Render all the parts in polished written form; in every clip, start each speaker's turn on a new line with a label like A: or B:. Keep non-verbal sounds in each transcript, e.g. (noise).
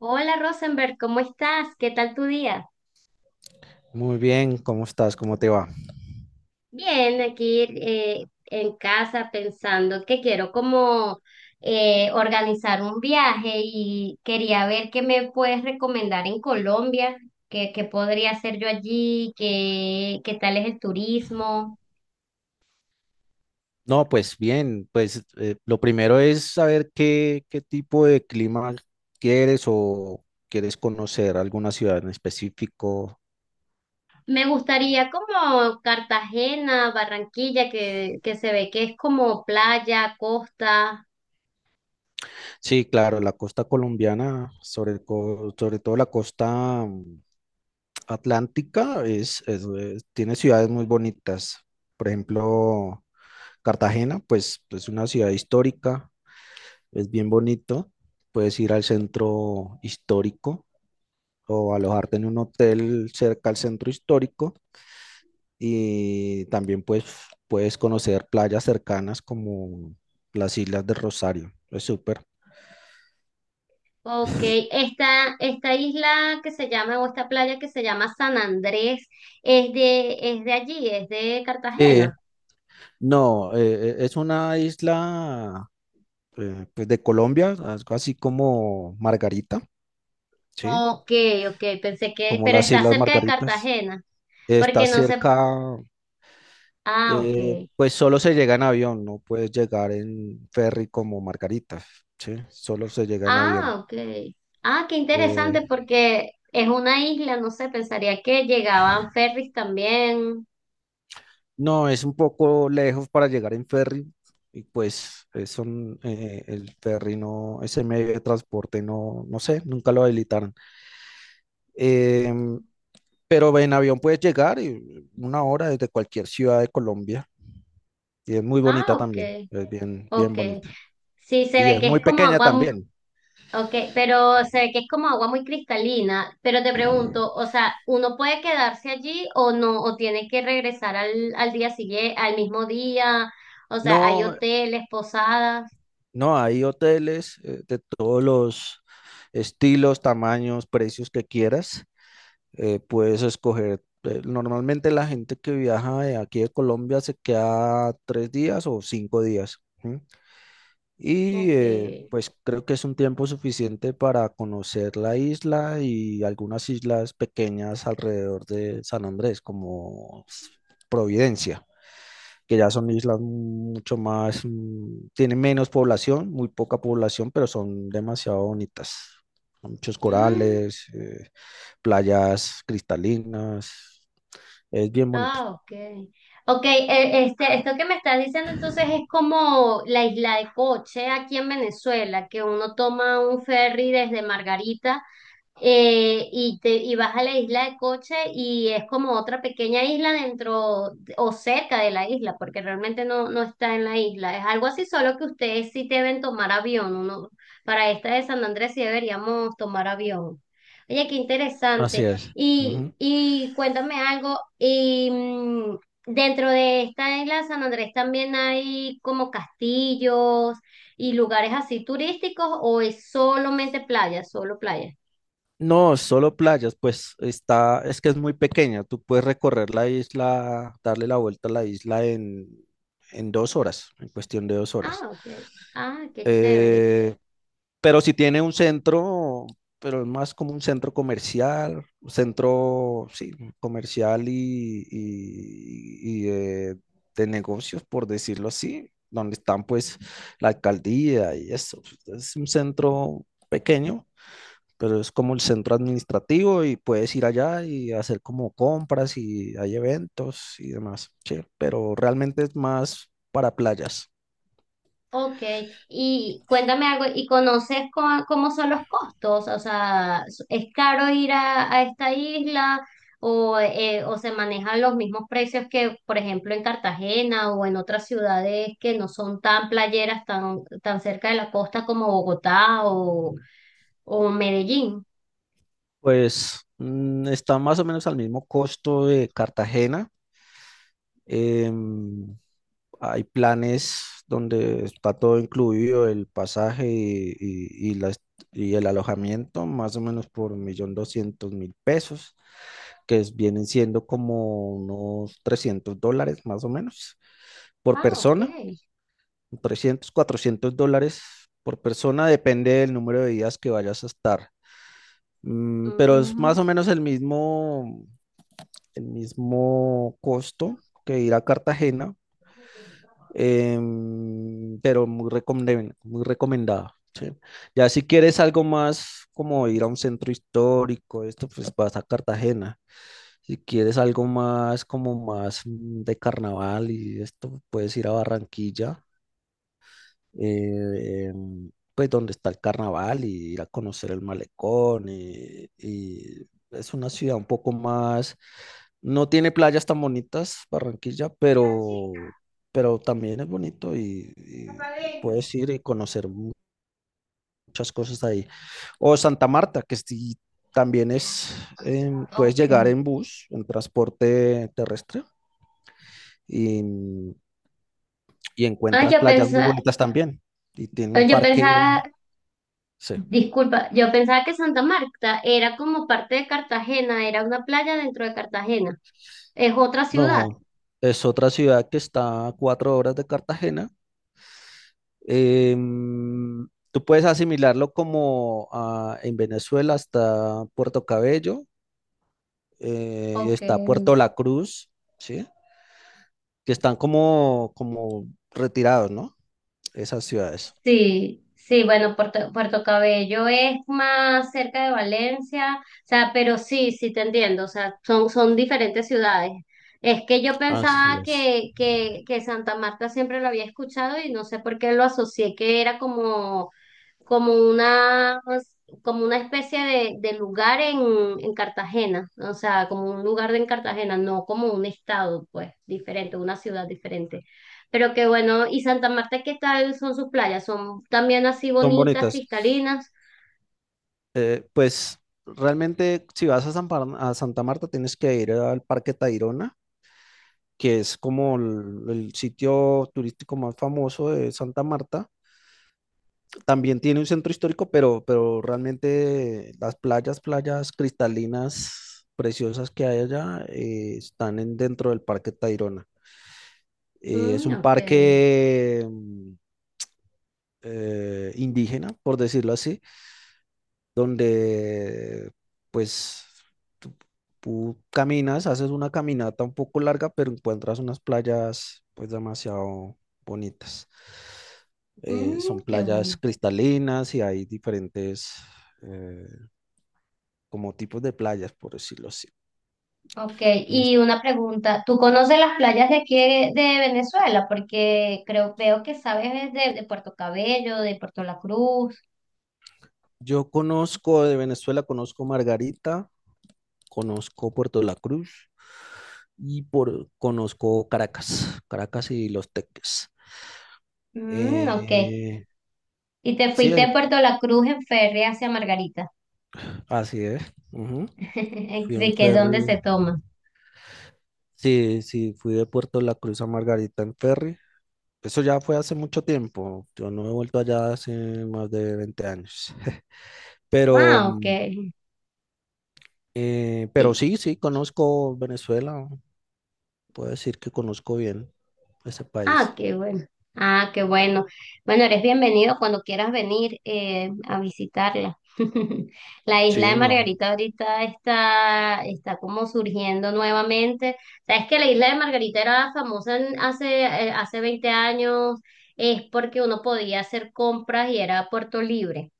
A: Hola Rosenberg, ¿cómo estás? ¿Qué tal tu día?
B: Muy bien, ¿cómo estás? ¿Cómo te va?
A: Bien, aquí en casa pensando que quiero como organizar un viaje y quería ver qué me puedes recomendar en Colombia, qué podría hacer yo allí, qué tal es el turismo.
B: No, pues bien, pues lo primero es saber qué tipo de clima quieres o quieres conocer alguna ciudad en específico.
A: Me gustaría como Cartagena, Barranquilla, que se ve que es como playa, costa.
B: Sí, claro, la costa colombiana, sobre todo la costa atlántica, tiene ciudades muy bonitas. Por ejemplo, Cartagena, pues es una ciudad histórica, es bien bonito. Puedes ir al centro histórico o alojarte en un hotel cerca al centro histórico y también pues puedes conocer playas cercanas como las Islas de Rosario. Es súper.
A: Ok, esta isla que se llama, o esta playa que se llama San Andrés, es de allí, es de
B: Sí.
A: Cartagena.
B: No, es una isla pues de Colombia, algo así como Margarita, ¿sí?
A: Ok, ok, pensé que,
B: Como
A: pero
B: las
A: está
B: Islas
A: cerca de
B: Margaritas.
A: Cartagena,
B: Está
A: porque no sé,
B: cerca,
A: ah, ok,
B: pues solo se llega en avión, no puedes llegar en ferry como Margaritas, ¿sí? Solo se llega en avión.
A: ah, ok, ah, qué
B: Eh,
A: interesante, porque es una isla, no sé, pensaría que llegaban ferries también.
B: No, es un poco lejos para llegar en ferry y pues el ferry no, ese medio de transporte no, no sé, nunca lo habilitaron. Em, pero en avión puedes llegar y una hora desde cualquier ciudad de Colombia y es muy
A: Ah,
B: bonita
A: ok,
B: también, es bien, bien
A: ok,
B: bonita.
A: sí, se
B: Y
A: ve
B: es
A: que
B: muy
A: es como
B: pequeña
A: agua.
B: también.
A: Ok, pero sé que es como agua muy cristalina, pero te pregunto, o sea, ¿uno puede quedarse allí o no? ¿O tiene que regresar al día siguiente, al mismo día? O sea, ¿hay
B: No,
A: hoteles, posadas?
B: no, hay hoteles de todos los estilos, tamaños, precios que quieras. Puedes escoger. Normalmente la gente que viaja de aquí de Colombia se queda 3 días o 5 días. ¿Sí? Y
A: Ok.
B: pues creo que es un tiempo suficiente para conocer la isla y algunas islas pequeñas alrededor de San Andrés, como Providencia, que ya son islas mucho más, tienen menos población, muy poca población, pero son demasiado bonitas. Con muchos
A: Mm,
B: corales, playas cristalinas, es bien bonito.
A: ah, ok. Ok, esto que me estás diciendo entonces es como la isla de Coche aquí en Venezuela, que uno toma un ferry desde Margarita y vas a la isla de Coche y es como otra pequeña isla o cerca de la isla, porque realmente no está en la isla. Es algo así, solo que ustedes sí deben tomar avión. Uno, para esta de San Andrés sí deberíamos tomar avión. Oye, qué
B: Así
A: interesante.
B: es. Ujú.
A: Y cuéntame algo. Y mm, dentro de esta isla de San Andrés también hay como castillos y lugares así turísticos, o es solamente playa, solo playa.
B: No, solo playas, pues está, es que es muy pequeña, tú puedes recorrer la isla, darle la vuelta a la isla en, 2 horas, en cuestión de 2 horas.
A: Ah, ok. Ah, qué chévere.
B: Eh, Pero si tiene un centro, pero es más como un centro comercial, un centro, sí, comercial y de negocios, por decirlo así, donde están pues la alcaldía y eso. Es un centro pequeño, pero es como el centro administrativo y puedes ir allá y hacer como compras y hay eventos y demás, sí, pero realmente es más para playas.
A: Ok, y cuéntame algo, ¿y conoces cómo son los costos? O sea, ¿es caro ir a esta isla o se manejan los mismos precios que, por ejemplo, en Cartagena o en otras ciudades que no son tan playeras, tan cerca de la costa como Bogotá o Medellín?
B: Pues está más o menos al mismo costo de Cartagena. Em, Hay planes donde está todo incluido, el pasaje y el alojamiento, más o menos por 1.200.000 pesos, vienen siendo como unos 300 dólares más o menos por
A: Ah, ok.
B: persona. 300, 400 dólares por persona, depende del número de días que vayas a estar. Pero es más
A: Mm,
B: o menos el mismo costo que ir a Cartagena, pero muy recomendada. ¿Sí? Ya si quieres algo más como ir a un centro histórico, esto pues vas a Cartagena. Si quieres algo más como más de carnaval y esto, puedes ir a Barranquilla, pues donde está el carnaval y ir a conocer el malecón y es una ciudad un poco más, no tiene playas tan bonitas, Barranquilla, pero también es bonito y puedes ir y conocer muchas cosas ahí. O Santa Marta, que sí, también puedes
A: ok.
B: llegar en bus, en transporte terrestre, y, y
A: Ah,
B: encuentras
A: yo
B: playas muy
A: pensaba,
B: bonitas también. Y tiene un
A: yo
B: parque,
A: pensaba.
B: sí.
A: Disculpa, yo pensaba que Santa Marta era como parte de Cartagena, era una playa dentro de Cartagena, es otra ciudad.
B: No, es otra ciudad que está a 4 horas de Cartagena. Tú puedes asimilarlo en Venezuela está Puerto Cabello, y
A: Ok.
B: está Puerto La Cruz, ¿sí? Que están como retirados, ¿no? Esas ciudades.
A: Sí, sí, bueno, Puerto Cabello es más cerca de Valencia, o sea, pero sí, sí te entiendo, o sea, son diferentes ciudades. Es que yo
B: Así
A: pensaba
B: es.
A: que Santa Marta siempre lo había escuchado y no sé por qué lo asocié, que era como como una, como una especie de lugar en Cartagena, o sea, como un lugar de en Cartagena, no como un estado, pues, diferente, una ciudad diferente. Pero que bueno, ¿y Santa Marta qué tal son sus playas? ¿Son también así
B: Son
A: bonitas,
B: bonitas.
A: cristalinas?
B: Pues realmente si vas a Santa Marta tienes que ir al Parque Tayrona, que es como el sitio turístico más famoso de Santa Marta. También tiene un centro histórico, pero realmente las playas, playas cristalinas preciosas que hay allá están dentro del Parque Tayrona. Es
A: Mm,
B: un
A: ok.
B: parque indígena, por decirlo así, donde pues tú, tú caminas, haces una caminata un poco larga, pero encuentras unas playas pues demasiado bonitas. Son
A: Mm, qué
B: playas
A: bueno.
B: cristalinas y hay diferentes eh, como tipos de playas, por decirlo así.
A: Ok,
B: Unas-
A: y una pregunta, ¿tú conoces las playas de aquí de Venezuela? Porque creo, veo que sabes de Puerto Cabello, de Puerto La Cruz.
B: Yo conozco de Venezuela, conozco Margarita, conozco Puerto La Cruz conozco Caracas y Los Teques.
A: Mm, ok.
B: Eh,
A: Y te
B: sí,
A: fuiste
B: en
A: de Puerto La Cruz en ferry hacia Margarita.
B: Así es. Ujú.
A: (laughs)
B: Fui en
A: Así que es donde se
B: ferry.
A: toma.
B: Sí, sí, fui de Puerto La Cruz a Margarita en ferry. Eso ya fue hace mucho tiempo. Yo no he vuelto allá hace más de 20 años. (laughs) Pero,
A: Ah, ok.
B: mm, pero
A: Y-
B: sí, sí, conozco Venezuela. Puedo decir que conozco bien ese
A: ah,
B: país.
A: qué bueno. Ah, qué bueno. Bueno, eres bienvenido cuando quieras venir a visitarla. (laughs) La isla
B: Sí,
A: de
B: no.
A: Margarita ahorita está como surgiendo nuevamente. Sabes que la isla de Margarita era famosa hace, hace 20 años, es porque uno podía hacer compras y era puerto libre.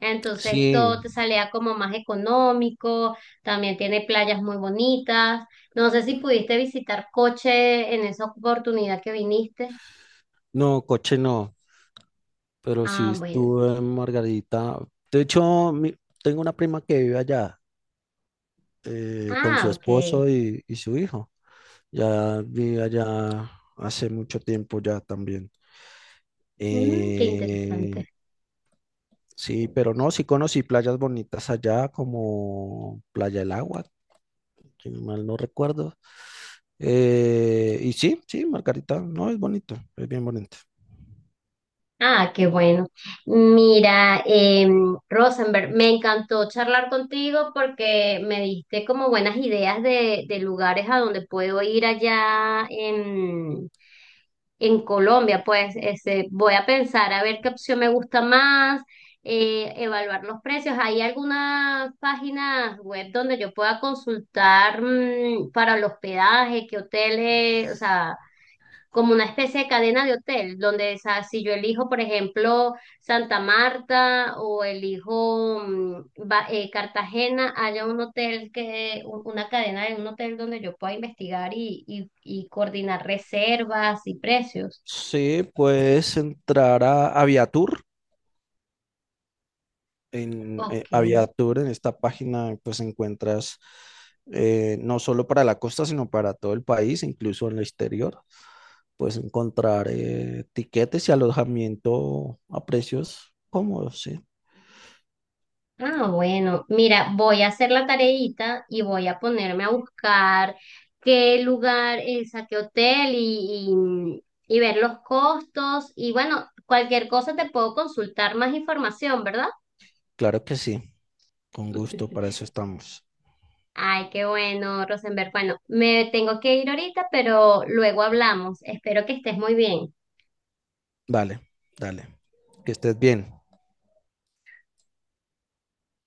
A: Entonces
B: Sí,
A: todo te salía como más económico, también tiene playas muy bonitas. No sé si pudiste visitar Coche en esa oportunidad que viniste.
B: no, Coche no. Pero sí
A: Ah, bueno.
B: estuve en Margarita. De hecho, tengo una prima que vive allá con su
A: Ah, ok.
B: esposo y su hijo. Ya vivía allá hace mucho tiempo ya también.
A: Mm, qué interesante.
B: Eh, sí, pero no, sí conocí playas bonitas allá como Playa del Agua, si no mal no recuerdo. Y sí, sí, Margarita, no, es bonito, es bien bonito.
A: Ah, qué bueno. Mira, Rosenberg, me encantó charlar contigo porque me diste como buenas ideas de lugares a donde puedo ir allá en Colombia, pues este, voy a pensar a ver qué opción me gusta más, evaluar los precios. ¿Hay algunas páginas web donde yo pueda consultar mm, para el hospedaje, qué hoteles, o sea, como una especie de cadena de hotel, donde o sea, si yo elijo, por ejemplo, Santa Marta o elijo mm, Cartagena, haya un hotel una cadena de un hotel donde yo pueda investigar y, y coordinar reservas y precios.
B: Sí, puedes entrar a Aviatur. En
A: Ok.
B: Aviatur, en esta página, pues encuentras no solo para la costa, sino para todo el país, incluso en el exterior. Puedes encontrar tiquetes y alojamiento a precios cómodos, sí.
A: Ah, bueno, mira, voy a hacer la tareita y voy a ponerme a buscar qué lugar, es a qué hotel y, y ver los costos. Y bueno, cualquier cosa te puedo consultar más información, ¿verdad?
B: Claro que sí, con gusto, para eso
A: (laughs)
B: estamos.
A: Ay, qué bueno, Rosenberg. Bueno, me tengo que ir ahorita, pero luego hablamos. Espero que estés muy bien.
B: Vale, dale. Que estés bien.